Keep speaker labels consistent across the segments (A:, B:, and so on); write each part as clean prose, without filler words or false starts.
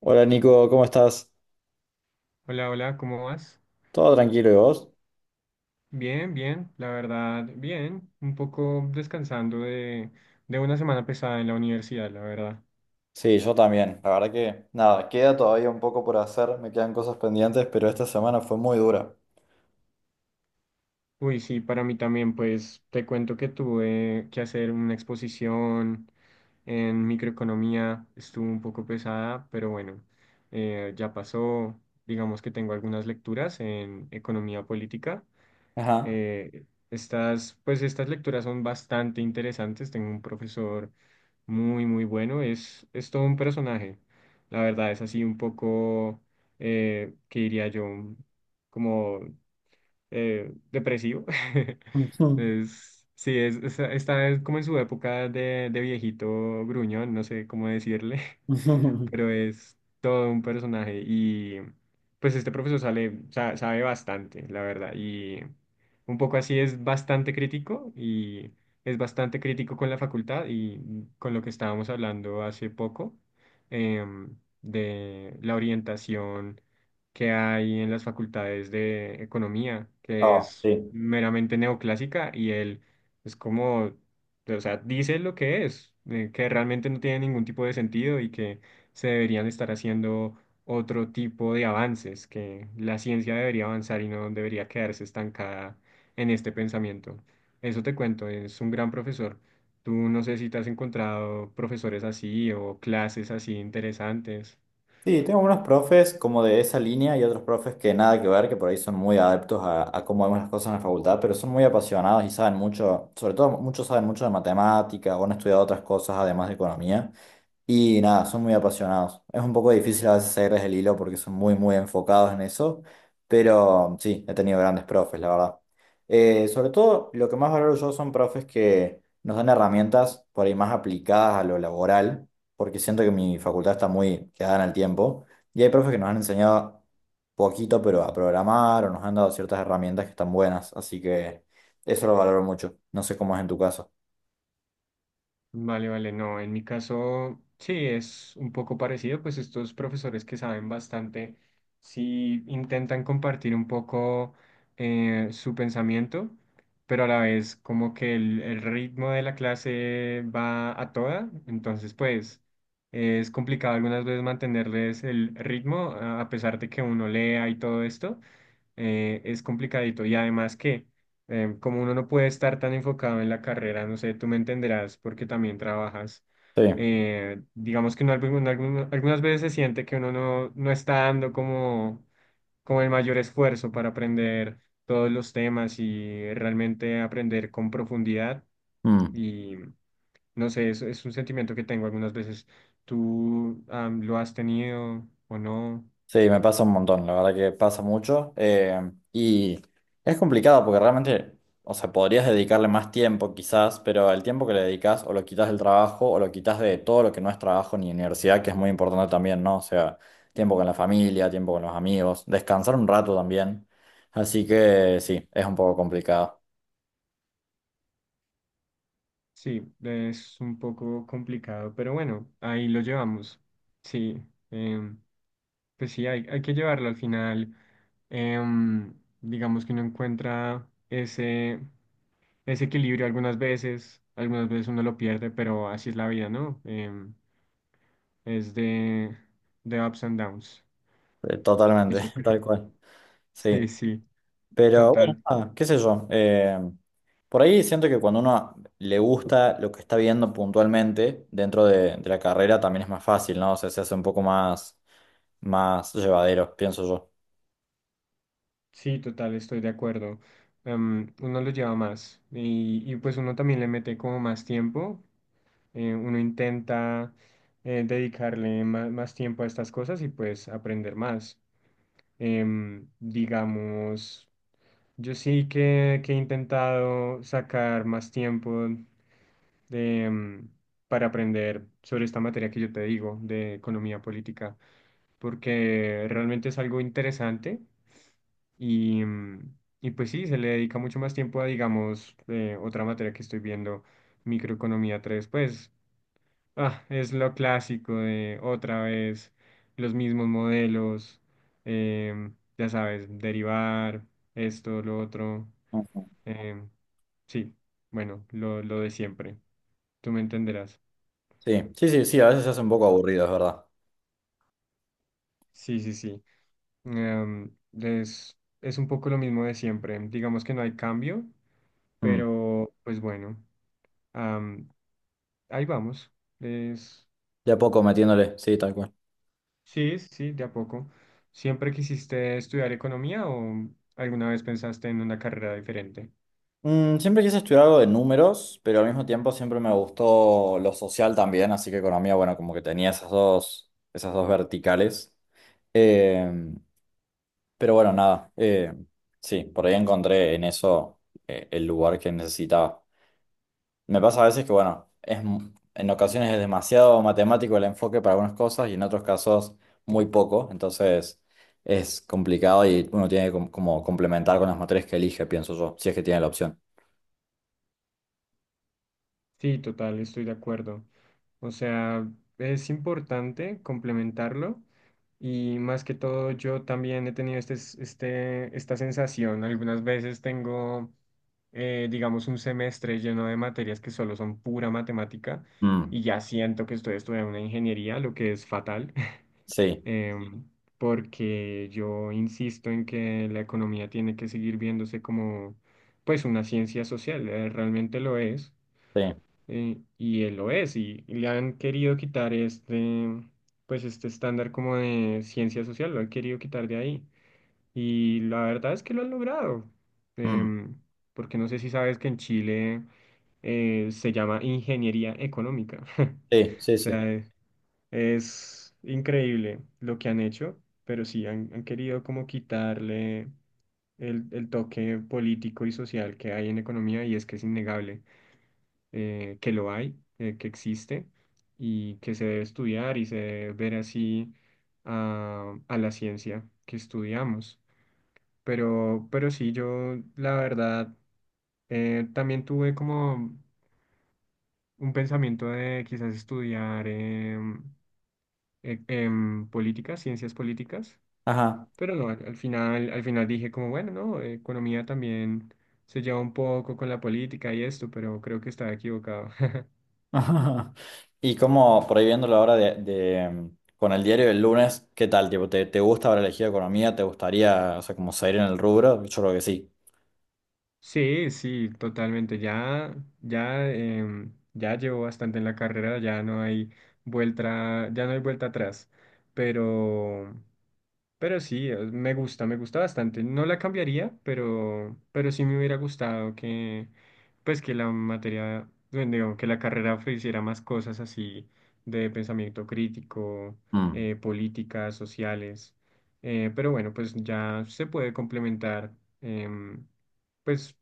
A: Hola Nico, ¿cómo estás?
B: Hola, hola, ¿cómo vas?
A: ¿Todo tranquilo y vos?
B: Bien, bien, la verdad, bien. Un poco descansando de una semana pesada en la universidad, la verdad.
A: Sí, yo también. La verdad que nada, queda todavía un poco por hacer, me quedan cosas pendientes, pero esta semana fue muy dura.
B: Uy, sí, para mí también, pues te cuento que tuve que hacer una exposición en microeconomía. Estuvo un poco pesada, pero bueno, ya pasó. Digamos que tengo algunas lecturas en economía política.
A: Ajá.
B: Estas lecturas son bastante interesantes. Tengo un profesor muy, muy bueno. Es todo un personaje. La verdad es así un poco, que diría yo, como depresivo. Es, sí, está como en su época de viejito gruñón, no sé cómo decirle,
A: Ujú, ujú.
B: pero es todo un personaje. Y pues este profesor sabe bastante, la verdad, y un poco así, es bastante crítico. Y es bastante crítico con la facultad y con lo que estábamos hablando hace poco, em, de la orientación que hay en las facultades de economía, que
A: Ah,
B: es
A: sí.
B: meramente neoclásica. Y él es como, o sea, dice lo que es, que realmente no tiene ningún tipo de sentido y que se deberían estar haciendo otro tipo de avances, que la ciencia debería avanzar y no debería quedarse estancada en este pensamiento. Eso te cuento, es un gran profesor. Tú no sé si te has encontrado profesores así o clases así interesantes.
A: Sí, tengo unos profes como de esa línea y otros profes que nada que ver, que por ahí son muy adeptos a cómo vemos las cosas en la facultad, pero son muy apasionados y saben mucho, sobre todo muchos saben mucho de matemáticas o han estudiado otras cosas además de economía. Y nada, son muy apasionados. Es un poco difícil a veces seguirles el hilo porque son muy, muy enfocados en eso, pero sí, he tenido grandes profes, la verdad. Sobre todo, lo que más valoro yo son profes que nos dan herramientas por ahí más aplicadas a lo laboral, porque siento que mi facultad está muy quedada en el tiempo, y hay profes que nos han enseñado poquito, pero a programar o nos han dado ciertas herramientas que están buenas, así que eso lo valoro mucho. No sé cómo es en tu caso.
B: Vale, vale, no, en mi caso sí es un poco parecido. Pues estos profesores que saben bastante sí intentan compartir un poco su pensamiento, pero a la vez como que el ritmo de la clase va a toda, entonces pues es complicado algunas veces mantenerles el ritmo, a pesar de que uno lea y todo esto, es complicadito. Y además que, como uno no puede estar tan enfocado en la carrera, no sé, tú me entenderás porque también trabajas.
A: Sí.
B: Digamos que uno algunas veces se siente que uno no, no está dando como, como el mayor esfuerzo para aprender todos los temas y realmente aprender con profundidad.
A: Mm.
B: Y no sé, es un sentimiento que tengo algunas veces. ¿Tú, lo has tenido o no?
A: Sí, me pasa un montón, la verdad que pasa mucho. Y es complicado porque realmente, o sea, podrías dedicarle más tiempo quizás, pero el tiempo que le dedicas o lo quitas del trabajo o lo quitas de todo lo que no es trabajo ni universidad, que es muy importante también, ¿no? O sea, tiempo con la familia, tiempo con los amigos, descansar un rato también. Así que sí, es un poco complicado.
B: Sí, es un poco complicado, pero bueno, ahí lo llevamos. Sí, em, pues sí, hay que llevarlo al final. em, digamos que uno encuentra ese, ese equilibrio algunas veces uno lo pierde, pero así es la vida, ¿no? Em, es de ups and downs,
A: Totalmente,
B: eso
A: tal
B: creo.
A: cual. Sí.
B: Sí, sí,
A: Pero bueno,
B: total.
A: nada, qué sé yo. Por ahí siento que cuando uno le gusta lo que está viendo puntualmente dentro de la carrera también es más fácil, ¿no? O sea, se hace un poco más, más llevadero, pienso yo.
B: Sí, total, estoy de acuerdo. Uno lo lleva más y pues uno también le mete como más tiempo. Uno intenta dedicarle más tiempo a estas cosas y pues aprender más. Em, digamos, yo sí que he intentado sacar más tiempo de, para aprender sobre esta materia que yo te digo, de economía política, porque realmente es algo interesante. Y, y pues sí, se le dedica mucho más tiempo a, digamos, otra materia que estoy viendo, microeconomía tres. Pues ah, es lo clásico de otra vez, los mismos modelos, ya sabes, derivar, esto, lo otro.
A: Ujú.
B: em, sí, bueno, lo de siempre. Tú me entenderás.
A: Sí, sí, sí, sí, a veces se hace un poco aburrido, es verdad.
B: Sí, sí, sí. Em, es un poco lo mismo de siempre. Digamos que no hay cambio,
A: Mm.
B: pero pues bueno, am, ahí vamos. Es.
A: De a poco metiéndole, sí, tal cual.
B: Sí, sí, sí, de a poco. ¿Siempre quisiste estudiar economía o alguna vez pensaste en una carrera diferente?
A: Mm, siempre quise estudiar algo de números, pero al mismo tiempo siempre me gustó lo social también, así que economía, bueno, como que tenía esas dos verticales. Eh, Pero bueno, nada, sí, por ahí encontré en eso el lugar que necesitaba. Me pasa a veces que, bueno, es, en ocasiones es demasiado matemático el enfoque para algunas cosas y en otros casos muy poco, entonces es complicado y uno tiene que como complementar con las materias que elige, pienso yo, si es que tiene la opción.
B: Sí, total, estoy de acuerdo. O sea, es importante complementarlo. Y más que todo yo también he tenido este, esta sensación. Algunas veces tengo, digamos, un semestre lleno de materias que solo son pura matemática
A: Mm,
B: y ya siento que estoy estudiando una ingeniería, lo que es fatal.
A: sí,
B: em, Porque yo insisto en que la economía tiene que seguir viéndose como pues una ciencia social, realmente lo es,
A: sí,
B: y él lo es. Y, y le han querido quitar este, pues este estándar como de ciencia social, lo han querido quitar de ahí, y la verdad es que lo han logrado,
A: mm,
B: em, porque no sé si sabes que en Chile se llama ingeniería económica.
A: sí,
B: O
A: sí, sí.
B: sea... es increíble lo que han hecho, pero sí han, han querido como quitarle el toque político y social que hay en economía. Y es que es innegable, que lo hay, que existe y que se debe estudiar y se debe ver así a la ciencia que estudiamos. Pero sí, yo la verdad también tuve como un pensamiento de quizás estudiar políticas, ciencias políticas.
A: Ajá.
B: Pero no, al, al final dije como, bueno, no, economía también se lleva un poco con la política y esto, pero creo que estaba equivocado.
A: Ajá. Y como por ahí viéndolo ahora mm, con el diario del lunes, ¿qué tal? Tipo, ¿te, te gusta haber elegido economía? ¿Te gustaría, o sea, como seguir en el rubro? Yo creo que sí.
B: Sí, sí, totalmente. Ya, ya, ya llevo bastante en la carrera, ya no hay vuelta, ya no hay vuelta atrás. Pero, Pero sí, me gusta bastante. No la cambiaría, pero sí me hubiera gustado que, pues que la materia, bueno, digo, que la carrera ofreciera más cosas así de pensamiento crítico,
A: Mm.
B: políticas, sociales. Pero bueno, pues ya se puede complementar. em, pues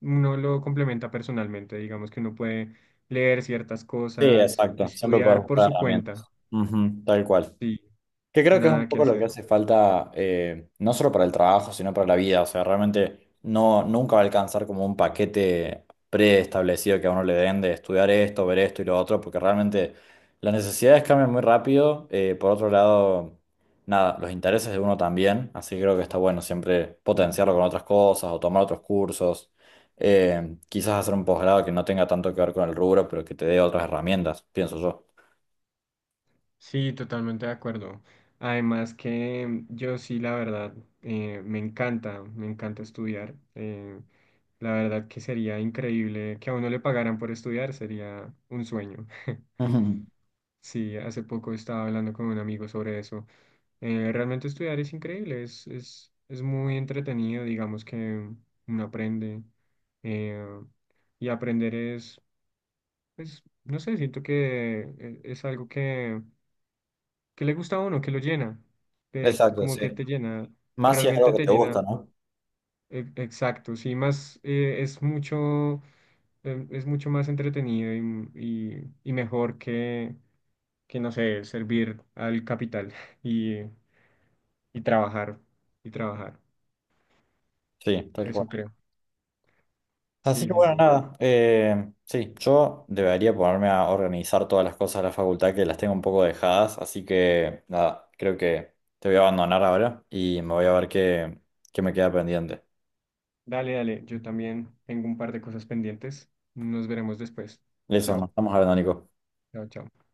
B: uno lo complementa personalmente, digamos que uno puede leer ciertas
A: Sí,
B: cosas,
A: exacto. Siempre puedes
B: estudiar por
A: buscar
B: su cuenta,
A: herramientas. Ujú, tal cual.
B: sí,
A: Que creo que es un
B: nada que
A: poco lo que
B: hacer.
A: hace falta, no solo para el trabajo, sino para la vida. O sea, realmente no, nunca va a alcanzar como un paquete preestablecido que a uno le den de estudiar esto, ver esto y lo otro, porque realmente las necesidades cambian muy rápido. Por otro lado, nada, los intereses de uno también. Así que creo que está bueno siempre potenciarlo con otras cosas o tomar otros cursos. Quizás hacer un posgrado que no tenga tanto que ver con el rubro, pero que te dé otras herramientas, pienso yo.
B: Sí, totalmente de acuerdo. Además que yo sí, la verdad, me encanta estudiar. La verdad que sería increíble que a uno le pagaran por estudiar, sería un sueño.
A: Ujú.
B: Sí, hace poco estaba hablando con un amigo sobre eso. Realmente estudiar es increíble, es muy entretenido, digamos que uno aprende. eh, y aprender es, pues, no sé, siento que es algo que... ¿Qué le gusta a uno? ¿Qué lo llena?
A: Exacto,
B: Como
A: sí.
B: que te llena,
A: Más si es algo
B: realmente
A: que
B: te
A: te gusta,
B: llena,
A: ¿no?
B: exacto, sí, más es mucho más entretenido y, y mejor que, no sé, servir al capital y, y trabajar, y trabajar,
A: Sí, tal cual.
B: eso creo.
A: Así
B: Sí,
A: que
B: sí,
A: bueno,
B: sí.
A: nada. Sí, yo debería ponerme a organizar todas las cosas de la facultad que las tengo un poco dejadas. Así que nada, creo que te voy a abandonar ahora y me voy a ver qué, qué me queda pendiente.
B: Dale, dale, yo también tengo un par de cosas pendientes. Nos veremos después.
A: Eso, nos
B: Chao,
A: estamos hablando, Nico.
B: chao, chao.